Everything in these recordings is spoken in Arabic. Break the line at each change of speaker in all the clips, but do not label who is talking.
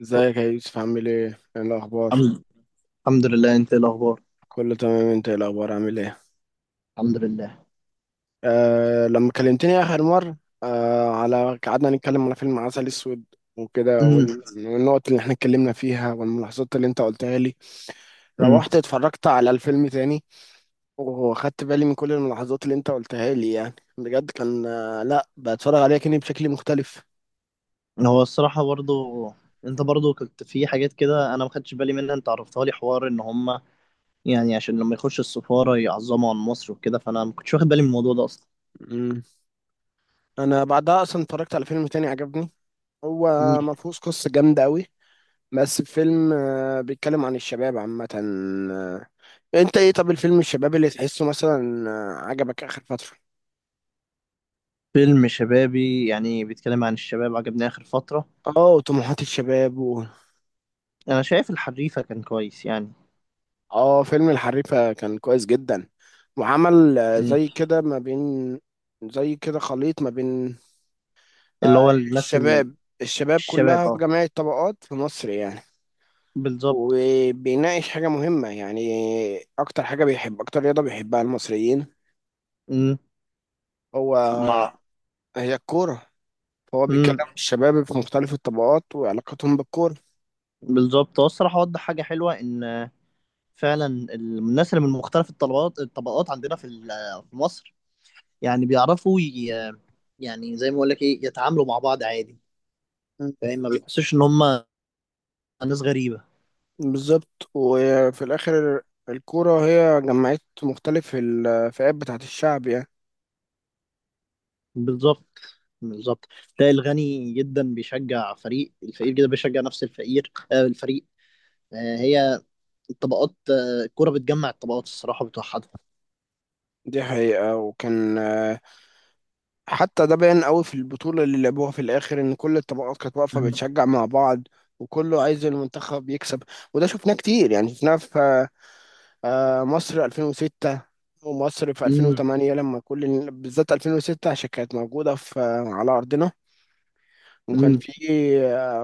ازيك يا يوسف عامل ايه؟ ايه الأخبار؟
الحمد الحمد لله. انت ايه الاخبار؟
كله تمام، انت ايه الأخبار عامل ايه؟
الحمد لله.
لما كلمتني آخر مرة، على قعدنا نتكلم على فيلم عسل أسود وكده،
امم.
والنقط اللي احنا اتكلمنا فيها والملاحظات اللي انت قلتها لي. روحت
امم.
اتفرجت على الفيلم تاني، واخدت بالي من كل الملاحظات اللي انت قلتها لي، يعني بجد كان، لا بتفرج عليه كأني بشكل مختلف.
هو الصراحه برضو، انت برضو كنت في حاجات كده انا ما خدتش بالي منها، انت عرفتها لي، حوار ان هم يعني عشان لما يخش السفاره يعظموا عن مصر وكده، فانا ما كنتش واخد بالي من الموضوع ده اصلا.
مم. انا بعدها اصلا اتفرجت على فيلم تاني عجبني، هو
امم.
ما فيهوش قصة جامدة قوي، بس الفيلم بيتكلم عن الشباب عامة انت ايه، طب الفيلم الشباب اللي تحسه مثلا عجبك اخر فترة؟
فيلم شبابي يعني بيتكلم عن الشباب عجبني اخر فتره.
اه، وطموحات الشباب و...
انا شايف الحريفه كان كويس يعني.
اه، فيلم الحريفة كان كويس جدا، وعمل
مم.
زي كده ما بين، زي كده خليط ما بين
اللي
آه،
هو الناس
الشباب، الشباب
الشباب،
كلها في
اه،
جميع الطبقات في مصر يعني.
بالظبط.
وبيناقش حاجة مهمة يعني، أكتر حاجة بيحب، أكتر رياضة بيحبها المصريين
امم.
هو،
مع.
هي الكورة. فهو بيتكلم
امم.
عن الشباب في مختلف الطبقات وعلاقتهم بالكورة.
بالظبط. هو الصراحه وضح حاجه حلوه، ان فعلا الناس اللي من مختلف الطبقات عندنا في مصر، يعني بيعرفوا يعني زي ما اقول لك ايه، يتعاملوا مع بعض عادي،
مم.
فاهم، ما بيحسوش ان هم ناس غريبة.
بالظبط، وفي الآخر الكورة هي جمعت مختلف الفئات بتاعت الشعب يعني.
بالظبط. بالظبط. تلاقي الغني جدا بيشجع فريق، الفقير جدا بيشجع نفس الفقير الفريق. هي الطبقات، الكرة بتجمع الطبقات، الصراحة بتوحدها.
دي حقيقة، وكان حتى ده باين قوي في البطولة اللي لعبوها في الآخر، إن كل الطبقات كانت واقفة
مم.
بتشجع مع بعض وكله عايز المنتخب يكسب. وده شفناه كتير، يعني شفناه في مصر 2006، ومصر في
مم.
2008، لما كل، بالذات 2006 عشان كانت موجودة في على أرضنا. وكان
مم.
في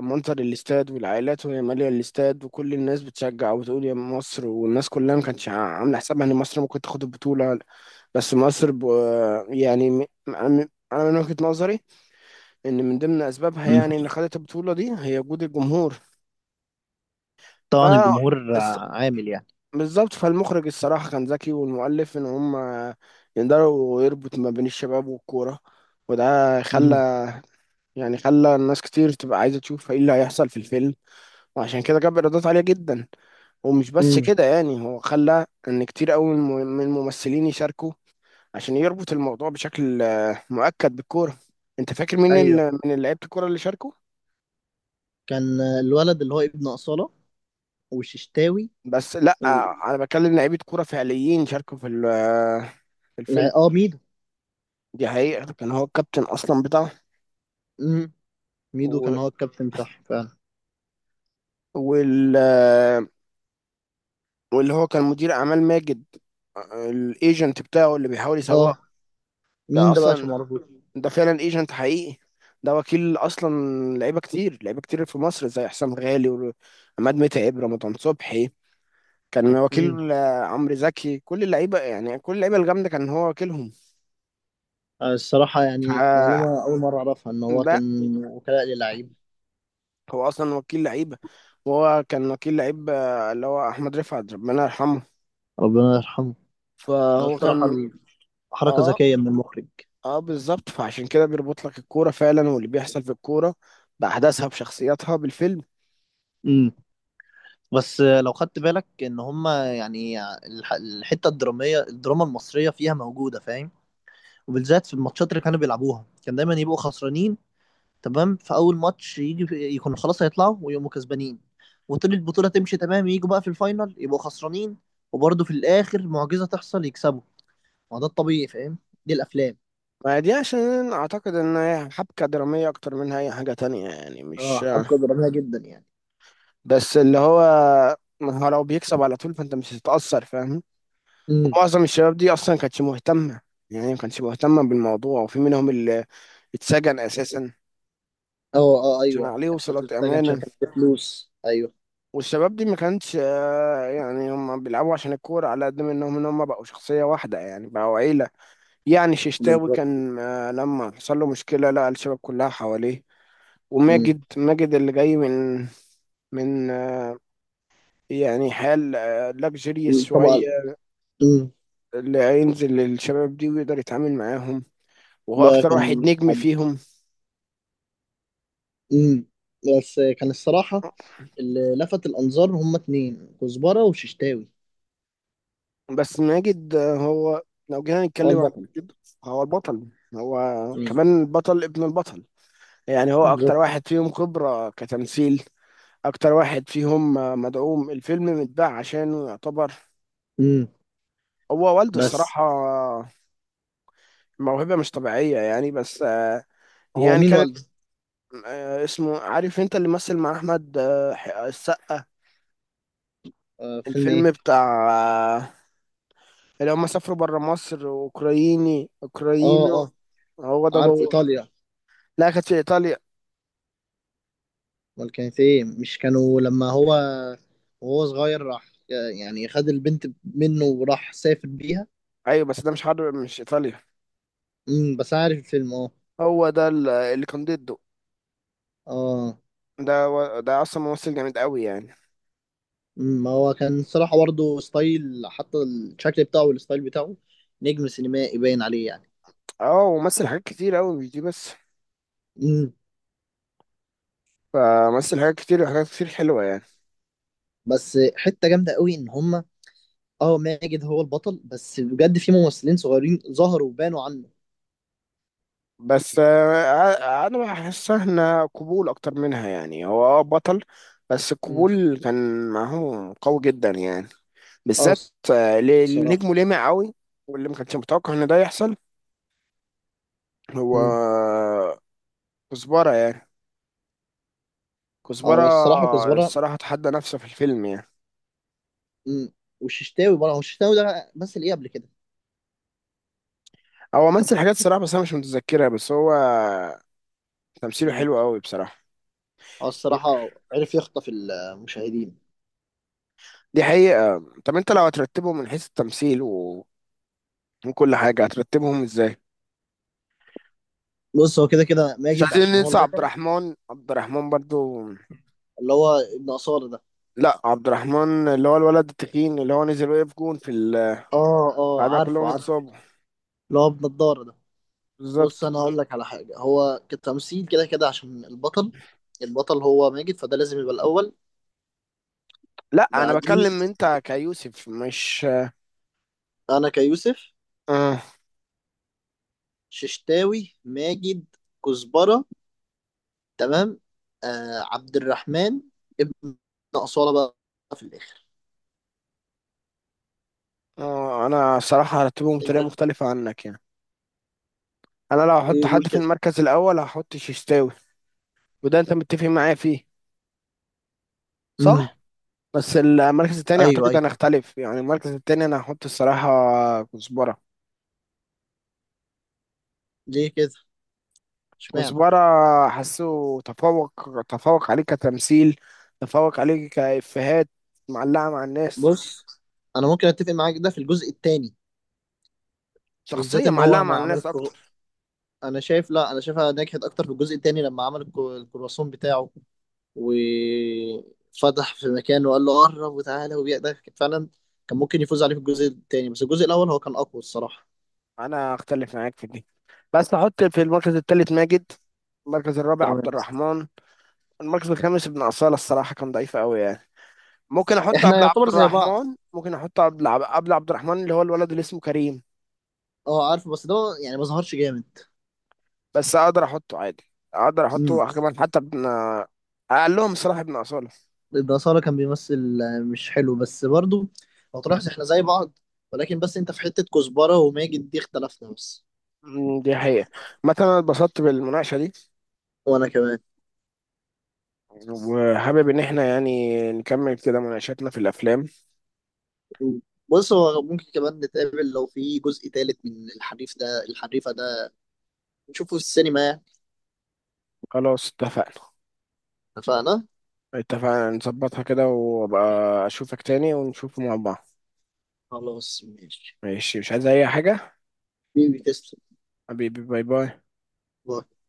منظر الاستاد والعائلات وهي مالية الاستاد وكل الناس بتشجع وتقول يا مصر، والناس كلها ما كانتش عاملة حسابها ان مصر ممكن تاخد البطولة. بس مصر ب... آه، يعني انا من وجهة نظري، ان من ضمن اسبابها
مم.
يعني ان خدت البطولة دي هي وجود الجمهور. ف
طبعا الجمهور
الص-
عامل يعني.
بالظبط، فالمخرج الصراحة كان ذكي والمؤلف ان هم يقدروا يربط ما بين الشباب والكورة، وده خلى،
مم.
يعني خلى الناس كتير تبقى عايزة تشوف ايه اللي هيحصل في الفيلم، وعشان كده جاب ايرادات عاليه جدا. ومش بس
مم.
كده يعني، هو خلى ان كتير قوي من الممثلين يشاركوا عشان يربط الموضوع بشكل مؤكد بالكوره. انت فاكر مين
ايوه،
من لعيبه الكوره اللي شاركوا؟
كان الولد اللي هو ابن أصالة وششتاوي
بس لا،
و...
انا بكلم لعيبه كوره فعليين شاركوا في في الفيلم.
لا، اه، ميدو.
دي حقيقه، كان هو الكابتن اصلا بتاعه.
امم. ميدو
و...
كان هو الكابتن بتاعهم فعلا.
وال... آه، واللي هو كان مدير اعمال ماجد، الايجنت بتاعه اللي بيحاول يسوقه.
اه،
ده
مين ده بقى عشان
اصلا،
ما اعرفوش؟
ده فعلا ايجنت حقيقي، ده وكيل اصلا لعيبه كتير، لعيبه كتير في مصر زي حسام غالي وعماد متعب رمضان صبحي. كان وكيل
امم.
عمرو زكي، كل اللعيبه يعني، كل اللعيبه الجامده كان هو وكيلهم.
الصراحة يعني
فلا،
معلومة أول مرة أعرفها، إن هو كان وكلاء للعيب.
هو اصلا وكيل لعيبه. وهو كان وكيل لعيب اللي هو احمد رفعت، ربنا يرحمه.
ربنا يرحمه. ده
فهو
الصراحة
كان،
حركة
اه
ذكية من المخرج.
اه بالظبط، فعشان كده بيربط لك الكوره فعلا، واللي بيحصل في الكوره باحداثها بشخصياتها بالفيلم.
امم. بس لو خدت بالك إن هما يعني الحتة الدرامية، الدراما المصرية فيها موجودة، فاهم، وبالذات في الماتشات اللي كانوا بيلعبوها كان دايما يبقوا خسرانين. تمام، في اول ماتش يجي يكونوا خلاص هيطلعوا ويقوموا كسبانين، وطول البطوله تمشي تمام، يجوا بقى في الفاينل يبقوا خسرانين، وبرضه في الاخر معجزه تحصل يكسبوا. ما ده الطبيعي، فاهم، دي الافلام.
ما دي عشان اعتقد ان هي حبكة درامية اكتر منها اي حاجة تانية يعني،
اه،
مش
حبكه دراميه جدا يعني.
بس اللي هو، ما هو لو بيكسب على طول فانت مش هتتأثر فاهم.
امم.
ومعظم الشباب دي اصلا ما كانتش مهتمة، يعني ما كانتش مهتمة بالموضوع، وفي منهم اللي اتسجن اساسا
اه، اه،
عشان
ايوه،
عليه
كان حد
وصلة
اتسجن عشان
امانة.
كان معاه فلوس، ايوه.
والشباب دي ما كانتش يعني هم بيلعبوا عشان الكورة، على قد ما انهم ان هم بقوا شخصية واحدة يعني بقوا عيلة. يعني ششتاوي
بالظبط.
كان لما حصل له مشكلة لقى الشباب كلها حواليه.
امم.
وماجد، ماجد اللي جاي من من آه، يعني حال لاكجيريس شوية،
طبعا. امم.
اللي هينزل للشباب دي ويقدر يتعامل معاهم، وهو
ده
أكتر واحد
كان
نجم
حد.
فيهم.
امم. بس كان الصراحه اللي لفت الانظار هما اتنين، كزبره وششتاوي.
بس ماجد، هو لو جينا
هو
نتكلم على
البطل.
ماجد، هو البطل، هو
امم.
كمان البطل ابن البطل. يعني هو أكتر
بالظبط.
واحد فيهم خبرة كتمثيل، أكتر واحد فيهم مدعوم، الفيلم متباع عشانه يعتبر.
امم.
هو والده
بس
الصراحة موهبة مش طبيعية يعني، بس
هو
يعني
مين
كان
والده؟
اسمه، عارف انت اللي مثل مع احمد، السقا.
فيلم
الفيلم
ايه؟
بتاع آه، اللي هم سافروا بره مصر، اوكرايني،
اه،
اوكراينو،
اه،
هو ده
عارف،
هو.
ايطاليا.
لا، كانت في ايطاليا.
امال كانت ايه؟ مش كانوا لما هو وهو صغير راح يعني خد البنت منه وراح سافر بيها؟
ايوه، بس ده مش حرب مش ايطاليا.
امم، بس أنا عارف الفيلم، اه.
هو ده اللي كان ضده.
اه،
ده اصلا ممثل جامد قوي يعني.
ما هو كان صراحة برضه ستايل، حتى الشكل بتاعه والستايل بتاعه نجم سينمائي باين عليه يعني.
اه، ومثل حاجات كتير قوي مش دي بس،
امم.
فمثل حاجات كتير وحاجات كتير حلوه يعني.
بس حتة جامدة قوي، ان هما اه، ماجد هو البطل، بس بجد في ممثلين صغيرين ظهروا وبانوا عنه.
بس انا بحس احنا قبول اكتر منها يعني، هو بطل بس
امم.
القبول كان معاه قوي جدا يعني،
اه.
بالذات اللي
الصراحة.
نجمه لامع قوي واللي ما كانش متوقع ان ده يحصل. هو
امم.
كزبرة يعني. كزبرة
اه. الصراحة كزبرة.
الصراحة تحدى نفسه في الفيلم يعني.
مم. والششتاوي برضه، هو الششتاوي ده مثل ايه قبل كده؟
هو مثل حاجات الصراحة بس انا مش متذكرها، بس هو تمثيله
مم.
حلو قوي بصراحة.
هو
دي
الصراحة عرف يخطف المشاهدين.
دي حقيقة. طب انت لو هترتبهم من حيث التمثيل وكل حاجة، هترتبهم ازاي؟
بص، هو كده كده
مش
ماجد
عايزين
عشان هو
ننسى عبد
البطل،
الرحمن، عبد الرحمن برضو.
اللي هو ابن أصالة ده.
لا، عبد الرحمن اللي هو الولد التخين اللي هو نزل وقف جون في ال،
اه، اه،
بعدها
عارفه،
كلهم
عارفه.
اتصابوا.
اللي هو ابن الدار ده. بص،
بالظبط.
انا هقول لك على حاجة، هو كتمثيل كده كده عشان البطل، البطل هو ماجد، فده لازم يبقى الأول،
لا، انا
بعديه
بكلم انت كيوسف مش،
أنا كيوسف،
آه.
ششتاوي، ماجد، كزبرة، تمام، عبد الرحمن، ابن أصالة بقى في الآخر.
آه. انا صراحة هرتبهم
انت
بطريقة مختلفة عنك يعني. انا لو هحط
ايه، قول
حد في
كده.
المركز الاول هحط ششتاوي، وده انت متفق معايا فيه
امم.
صح؟ بس المركز التاني
ايوه،
اعتقد انا
ايوه.
اختلف يعني، المركز التاني انا هحط الصراحة كزبرة.
ليه كده؟ اشمعنى؟
كزبرة حاسه تفوق، تفوق عليه كتمثيل، تفوق عليه كإفيهات، معلقة مع الناس،
بص، انا ممكن اتفق معاك ده في الجزء الثاني، وبالذات
شخصية
ان
معلقة
هو
مع
ما عمل
الناس أكتر.
انا شايف، لا، انا شايفها نجحت اكتر في الجزء الثاني لما عمل الكرواسون بتاعه وفتح في مكان وقال له قرب وتعالى، وبيقدر كان فعلا كان ممكن يفوز عليه في الجزء الثاني، بس الجزء الاول هو كان اقوى الصراحه.
أنا أختلف معاك في دي، بس أحط في المركز الثالث ماجد، المركز الرابع
تمام.
عبد الرحمن، المركز الخامس ابن أصالة الصراحة كان ضعيف أوي يعني. ممكن أحط
احنا
قبل عبد
يعتبر زي بعض.
الرحمن، ممكن أحط قبل قبل عبد الرحمن اللي هو الولد اللي اسمه كريم.
اه، عارف بس ده يعني ما ظهرش جامد.
بس أقدر أحطه عادي، أقدر أحطه كمان حتى ابن، أقلهم الصراحة ابن أصالة.
الأصالة كان بيمثل مش حلو، بس برضو لو تلاحظ احنا زي بعض، ولكن بس انت في حتة كزبرة وماجد دي اختلفنا بس.
دي حقيقة، مثلا أنا اتبسطت بالمناقشة دي،
وانا كمان.
وحابب إن احنا يعني نكمل كده مناقشاتنا في الأفلام.
بص، هو ممكن كمان نتقابل لو في جزء تالت من الحريفة ده، نشوفه في السينما يعني.
خلاص، اتفقنا.
اتفقنا؟
اتفقنا نظبطها كده، وأبقى أشوفك تاني ونشوفه مع بعض.
خلاص، ماشي.
ماشي، مش عايز أي حاجة.
بيبي، تسلم.
حبيبي، باي باي
باي.